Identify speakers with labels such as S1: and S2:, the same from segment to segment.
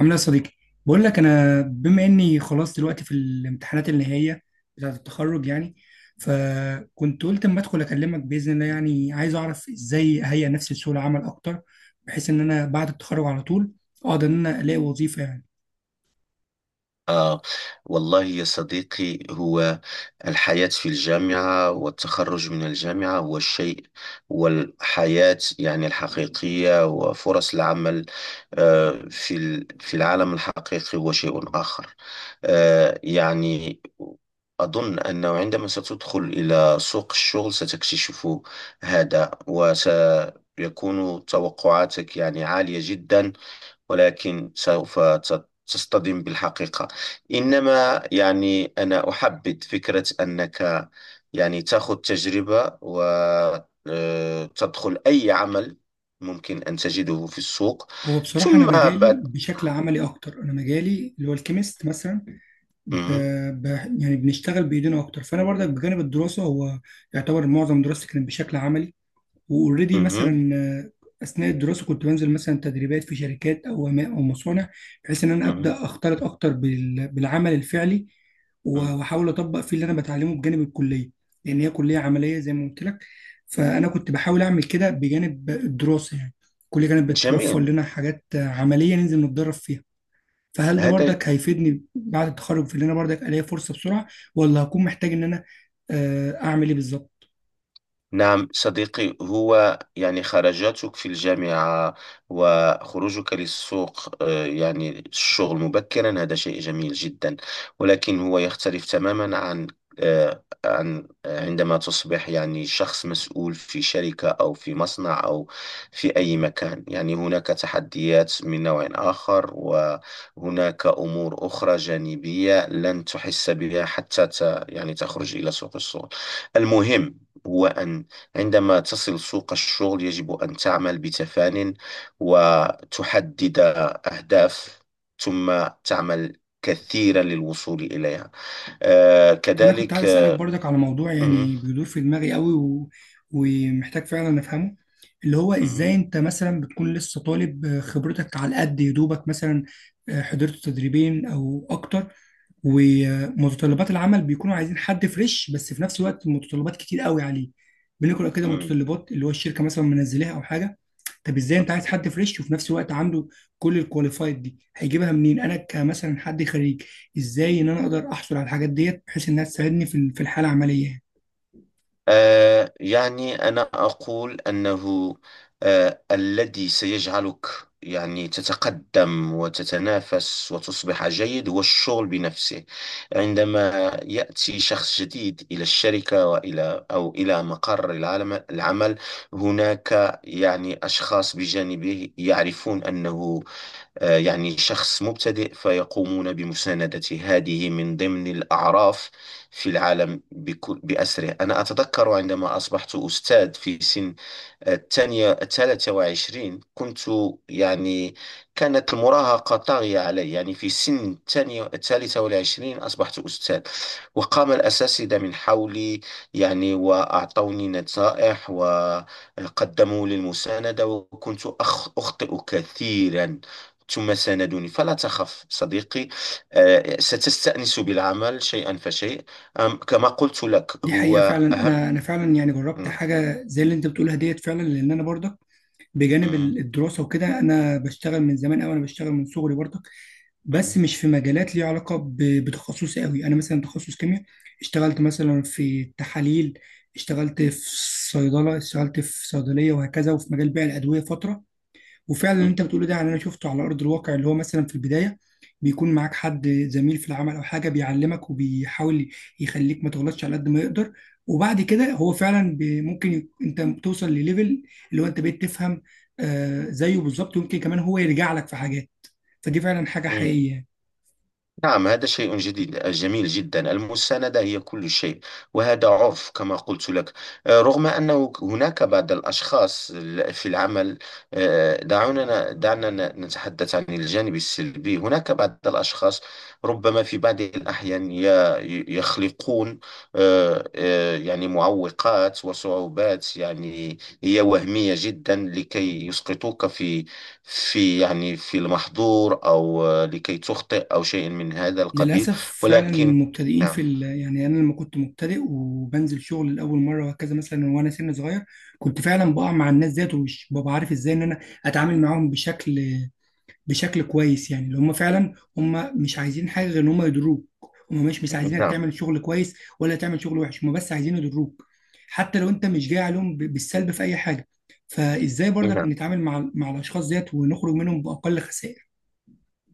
S1: عامل ايه يا صديقي؟ بقول لك انا بما اني خلاص دلوقتي في الامتحانات النهائيه بتاعه التخرج يعني. فكنت قلت اما ادخل اكلمك باذن الله، يعني عايز اعرف ازاي اهيئ نفسي لسوق العمل اكتر، بحيث ان انا بعد التخرج على طول اقدر ان انا الاقي وظيفه يعني.
S2: آه والله يا صديقي، هو الحياة في الجامعة والتخرج من الجامعة هو الشيء، والحياة يعني الحقيقية، وفرص العمل في العالم الحقيقي هو شيء آخر. يعني أظن أنه عندما ستدخل إلى سوق الشغل ستكتشف هذا، وسيكون توقعاتك يعني عالية جدا، ولكن سوف تصطدم بالحقيقة. إنما يعني أنا أحبذ فكرة أنك يعني تأخذ تجربة، وتدخل أي عمل ممكن أن تجده في السوق،
S1: هو بصراحه انا
S2: ثم
S1: مجالي
S2: بعد.
S1: بشكل عملي اكتر، انا مجالي اللي هو الكيمست مثلا. ب...
S2: مهم.
S1: ب... يعني بنشتغل بايدينا اكتر، فانا برضك بجانب الدراسه هو يعتبر معظم دراستي كانت بشكل عملي واوريدي
S2: مهم.
S1: مثلا اثناء الدراسه كنت بنزل مثلا تدريبات في شركات او او مصانع، بحيث ان انا
S2: مهم.
S1: ابدا اختلط اكتر بالعمل الفعلي.
S2: مهم.
S1: واحاول اطبق فيه اللي انا بتعلمه بجانب الكليه، لان هي كليه عمليه زي ما قلت لك. فانا كنت بحاول اعمل كده بجانب الدراسه يعني. الكليه كانت بتوفر
S2: جميل.
S1: لنا حاجات عمليه ننزل نتدرب فيها. فهل ده
S2: هذا.
S1: بردك هيفيدني بعد التخرج في ان انا بردك الاقي فرصه بسرعه، ولا هكون محتاج ان انا اعمل ايه بالظبط؟
S2: نعم صديقي، هو يعني خرجاتك في الجامعة وخروجك للسوق يعني الشغل مبكرا هذا شيء جميل جدا، ولكن هو يختلف تماما عن، عندما تصبح يعني شخص مسؤول في شركة أو في مصنع أو في أي مكان، يعني هناك تحديات من نوع آخر، وهناك أمور أخرى جانبية لن تحس بها حتى يعني تخرج إلى سوق الشغل. المهم هو أن عندما تصل سوق الشغل يجب أن تعمل بتفان، وتحدد أهداف، ثم تعمل كثيرا للوصول إليها. آه
S1: انا كنت
S2: كذلك
S1: عايز اسالك
S2: آه،
S1: برضك على موضوع
S2: مم،
S1: يعني بيدور في دماغي قوي ومحتاج فعلا افهمه. اللي هو
S2: مم،
S1: ازاي انت مثلا بتكون لسه طالب، خبرتك على قد يدوبك مثلا، حضرت تدريبين او اكتر، ومتطلبات العمل بيكونوا عايزين حد فريش، بس في نفس الوقت متطلبات كتير قوي عليه. بنقرا كده
S2: مم،
S1: متطلبات اللي هو الشركه مثلا منزلاها او حاجه. طب ازاي انت عايز
S2: مم.
S1: حد فريش وفي نفس الوقت عنده كل الكواليفايد دي، هيجيبها منين انا كمثلا حد خريج؟ ازاي ان انا اقدر احصل على الحاجات ديت بحيث انها تساعدني في في الحاله العمليه يعني.
S2: يعني أنا أقول أنه الذي سيجعلك يعني تتقدم وتتنافس وتصبح جيد هو الشغل بنفسه. عندما يأتي شخص جديد إلى الشركة، وإلى أو إلى مقر العمل، هناك يعني أشخاص بجانبه يعرفون أنه، يعني شخص مبتدئ، فيقومون بمساندته، هذه من ضمن الأعراف في العالم بأسره. أنا أتذكر عندما أصبحت أستاذ في سن الثانية الثالثة وعشرين، كنت يعني كانت المراهقة طاغية علي، يعني في سن الثانية الثالثة والعشرين أصبحت أستاذ، وقام الأساتذة من حولي يعني، وأعطوني نصائح وقدموا لي المساندة، وكنت أخطئ كثيرا، ثم ساندوني، فلا تخف صديقي، ستستأنس بالعمل شيئا فشيء، كما قلت لك
S1: دي حقيقه
S2: هو
S1: فعلا،
S2: أهم.
S1: انا فعلا يعني جربت
S2: م-
S1: حاجه زي اللي انت بتقولها ديت فعلا. لان انا برضك بجانب
S2: م-
S1: الدراسه وكده انا بشتغل من زمان قوي، انا بشتغل من صغري برضك،
S2: م-
S1: بس مش في مجالات ليها علاقه بتخصصي قوي. انا مثلا تخصص كيمياء، اشتغلت مثلا في تحاليل، اشتغلت في صيدله، اشتغلت في صيدليه وهكذا، وفي مجال بيع الادويه فتره. وفعلا اللي انت بتقوله ده يعني انا شفته على ارض الواقع، اللي هو مثلا في البدايه بيكون معاك حد زميل في العمل او حاجه بيعلمك وبيحاول يخليك ما تغلطش على قد ما يقدر. وبعد كده هو فعلا ممكن انت توصل لليفل اللي هو انت بقيت تفهم زيه بالظبط، ويمكن كمان هو يرجع لك في حاجات. فدي فعلا حاجه
S2: م-
S1: حقيقيه يعني.
S2: نعم، هذا شيء جديد جميل جدا، المساندة هي كل شيء، وهذا عرف كما قلت لك. رغم أنه هناك بعض الأشخاص في العمل، دعنا نتحدث عن الجانب السلبي. هناك بعض الأشخاص ربما في بعض الأحيان يخلقون، يعني معوقات وصعوبات، يعني هي وهمية جدا لكي يسقطوك في، يعني في المحظور، أو لكي تخطئ أو شيء من هذا القبيل.
S1: للاسف فعلا
S2: ولكن،
S1: المبتدئين في
S2: نعم.
S1: يعني انا لما كنت مبتدئ وبنزل شغل لاول مره وهكذا مثلا وانا سن صغير، كنت فعلا بقع مع الناس ديت ومش ببقى عارف ازاي ان انا اتعامل معاهم بشكل كويس، يعني اللي هم فعلا هم مش عايزين حاجه غير ان هم يضروك، هم مش عايزينك
S2: نعم.
S1: تعمل شغل كويس ولا تعمل شغل وحش، هم بس عايزين يضروك، حتى لو انت مش جاي عليهم بالسلب في اي حاجه. فازاي برضك
S2: نعم،
S1: نتعامل مع الاشخاص ديت ونخرج منهم باقل خسائر؟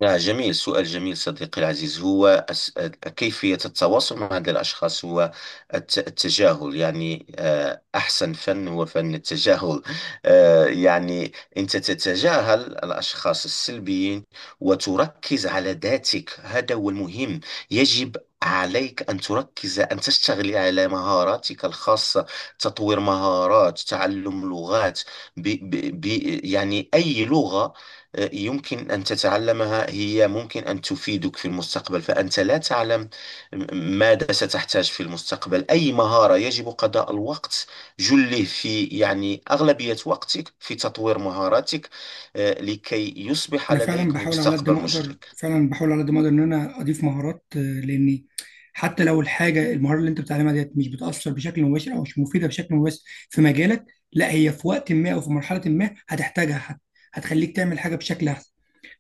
S2: نعم، جميل، سؤال جميل صديقي العزيز. هو كيفية التواصل مع هذا الأشخاص هو التجاهل، يعني أحسن فن هو فن التجاهل. يعني أنت تتجاهل الأشخاص السلبيين وتركز على ذاتك، هذا هو المهم. يجب عليك أن تركز، أن تشتغل على مهاراتك الخاصة، تطوير مهارات، تعلم لغات. ب ب يعني أي لغة يمكن أن تتعلمها هي ممكن أن تفيدك في المستقبل، فأنت لا تعلم ماذا ستحتاج في المستقبل. أي مهارة يجب قضاء الوقت جله في، يعني أغلبية وقتك في تطوير مهاراتك، لكي يصبح
S1: انا فعلا
S2: لديك
S1: بحاول على قد
S2: مستقبل
S1: ما اقدر،
S2: مشرق.
S1: فعلا بحاول على قد ما اقدر ان انا اضيف مهارات، لاني حتى لو الحاجه المهاره اللي انت بتتعلمها ديت مش بتاثر بشكل مباشر او مش مفيده بشكل مباشر في مجالك، لا هي في وقت ما او في مرحله ما هتحتاجها، هتخليك تعمل حاجه بشكل احسن.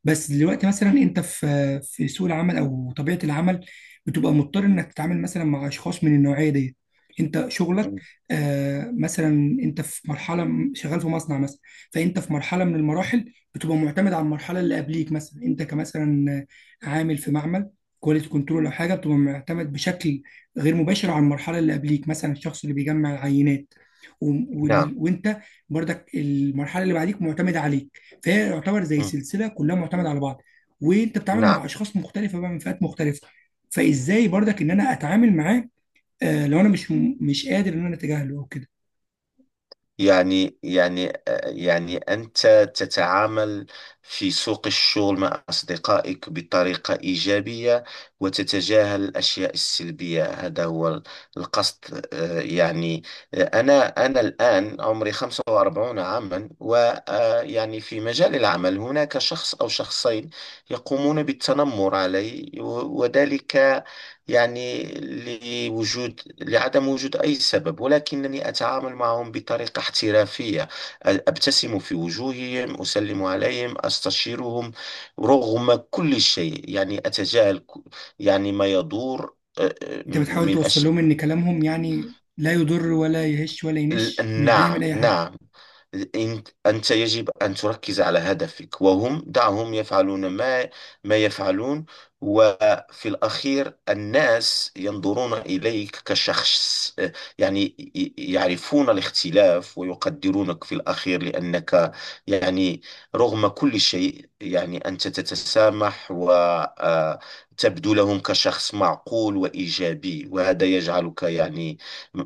S1: بس دلوقتي مثلا انت في سوق العمل او طبيعه العمل بتبقى مضطر انك تتعامل مثلا مع اشخاص من النوعيه دي. انت شغلك
S2: م-
S1: مثلا انت في مرحله شغال في مصنع مثلا، فانت في مرحله من المراحل بتبقى معتمد على المرحله اللي قبليك. مثلا انت كمثلا عامل في معمل كواليتي كنترول او حاجه، بتبقى معتمد بشكل غير مباشر على المرحله اللي قبليك، مثلا الشخص اللي بيجمع العينات و...
S2: نعم.
S1: وانت برضك المرحله اللي بعديك معتمده عليك. فهي يعتبر زي
S2: م-
S1: سلسله كلها معتمده على بعض، وانت بتتعامل مع
S2: نعم.
S1: اشخاص مختلفه بقى من فئات مختلفه. فازاي برضك ان انا اتعامل معاه، لو انا مش قادر ان انا اتجاهله او كده؟
S2: يعني يعني يعني أنت تتعامل في سوق الشغل مع أصدقائك بطريقة إيجابية، وتتجاهل الأشياء السلبية، هذا هو القصد. أنا الآن عمري 45 عاما، ويعني في مجال العمل هناك شخص أو شخصين يقومون بالتنمر علي، وذلك يعني لوجود لعدم وجود أي سبب، ولكنني أتعامل معهم بطريقة احترافية، أبتسم في وجوههم، أسلم عليهم، أستشيرهم، رغم كل شيء يعني أتجاهل، يعني ما يدور.
S1: انت بتحاول
S2: من
S1: توصل
S2: أش
S1: لهم ان كلامهم يعني لا يضر ولا يهش ولا ينش، مش بيعمل
S2: نعم،
S1: اي حاجه.
S2: نعم. أنت يجب أن تركز على هدفك، وهم دعهم يفعلون ما يفعلون، وفي الأخير الناس ينظرون إليك كشخص، يعني يعرفون الاختلاف ويقدرونك في الأخير، لأنك يعني رغم كل شيء يعني أنت تتسامح وتبدو لهم كشخص معقول وإيجابي، وهذا يجعلك يعني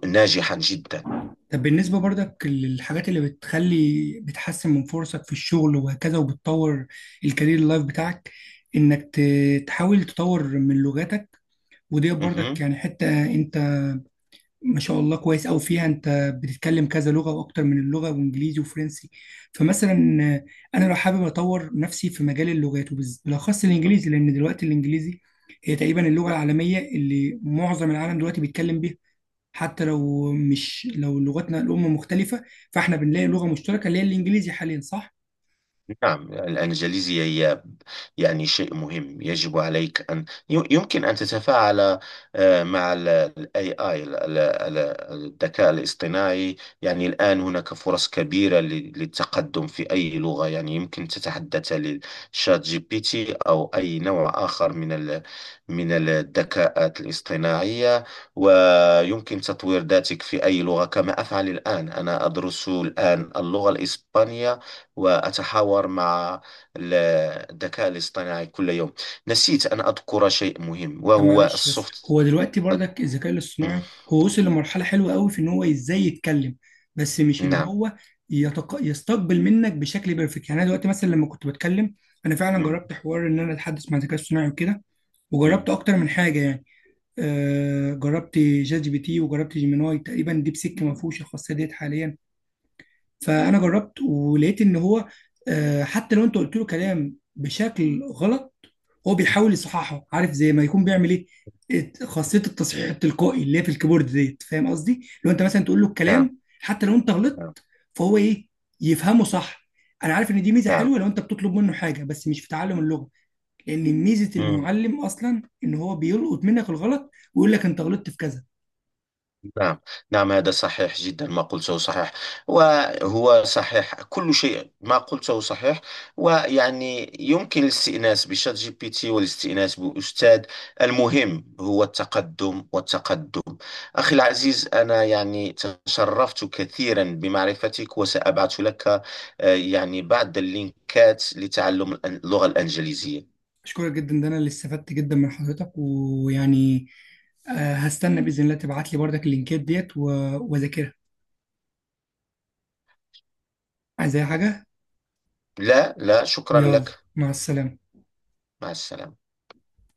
S2: ناجحا جدا.
S1: طب بالنسبه برضك للحاجات اللي بتخلي بتحسن من فرصك في الشغل وهكذا وبتطور الكارير اللايف بتاعك، انك تحاول تطور من لغتك. ودي برضك
S2: مهم.
S1: يعني حته انت ما شاء الله كويس أوي فيها، أنت بتتكلم كذا لغة وأكتر من اللغة وإنجليزي وفرنسي. فمثلا أنا لو حابب أطور نفسي في مجال اللغات وبالأخص الإنجليزي، لأن دلوقتي الإنجليزي هي تقريبا اللغة العالمية اللي معظم العالم دلوقتي بيتكلم بيها، حتى لو مش لو لغتنا الأم مختلفة فإحنا بنلاقي لغة مشتركة اللي هي الإنجليزي حاليا، صح؟
S2: نعم، الإنجليزية هي يعني شيء مهم، يجب عليك أن، يمكن أن تتفاعل مع ال AI، الذكاء الاصطناعي. يعني الآن هناك فرص كبيرة للتقدم في أي لغة، يعني يمكن تتحدث للشات جي بي تي أو أي نوع آخر من من الذكاءات الاصطناعية. ويمكن تطوير ذاتك في أي لغة كما أفعل الآن، أنا أدرس الآن اللغة الإسبانية، وأتحاور مع ال- الذكاء الاصطناعي كل يوم. نسيت أن أذكر شيء مهم،
S1: طب
S2: وهو
S1: معلش، بس
S2: السوفت.
S1: هو دلوقتي برضك الذكاء
S2: مم،
S1: الاصطناعي هو وصل لمرحلة حلوة قوي في ان هو ازاي يتكلم، بس مش اللي
S2: نعم.
S1: هو يستقبل منك بشكل بيرفكت. يعني انا دلوقتي مثلا لما كنت بتكلم، انا فعلا
S2: مم،
S1: جربت حوار ان انا اتحدث مع الذكاء الاصطناعي وكده،
S2: مم،
S1: وجربت اكتر من حاجة يعني. جربت ChatGPT وجربت جيميناي، تقريبا ديب سيك ما فيهوش الخاصية ديت حاليا. فانا جربت ولقيت ان هو حتى لو انت قلت له كلام بشكل غلط هو بيحاول يصححها، عارف زي ما يكون بيعمل ايه خاصيه التصحيح التلقائي اللي هي في الكيبورد ديت. فاهم قصدي، لو انت مثلا تقول له
S2: نعم،
S1: الكلام حتى لو انت غلطت
S2: نعم،
S1: فهو ايه يفهمه صح. انا عارف ان دي ميزه
S2: نعم.
S1: حلوه لو انت بتطلب منه حاجه، بس مش في تعلم اللغه، لان ميزه
S2: مم.
S1: المعلم اصلا ان هو بيلقط منك الغلط ويقول لك انت غلطت في كذا.
S2: نعم. نعم، هذا صحيح جدا، ما قلته صحيح، وهو صحيح، كل شيء ما قلته صحيح، ويعني يمكن الاستئناس بشات جي بي تي والاستئناس بأستاذ، المهم هو التقدم والتقدم. أخي العزيز، أنا يعني تشرفت كثيرا بمعرفتك، وسأبعث لك يعني بعض اللينكات لتعلم اللغة الإنجليزية.
S1: اشكرك جدا، ده انا اللي استفدت جدا من حضرتك، ويعني هستنى باذن الله تبعت لي بردك اللينكات ديت واذاكرها. عايز اي حاجه؟
S2: لا، لا، شكرا
S1: يلا،
S2: لك.
S1: مع السلامه.
S2: مع السلامة.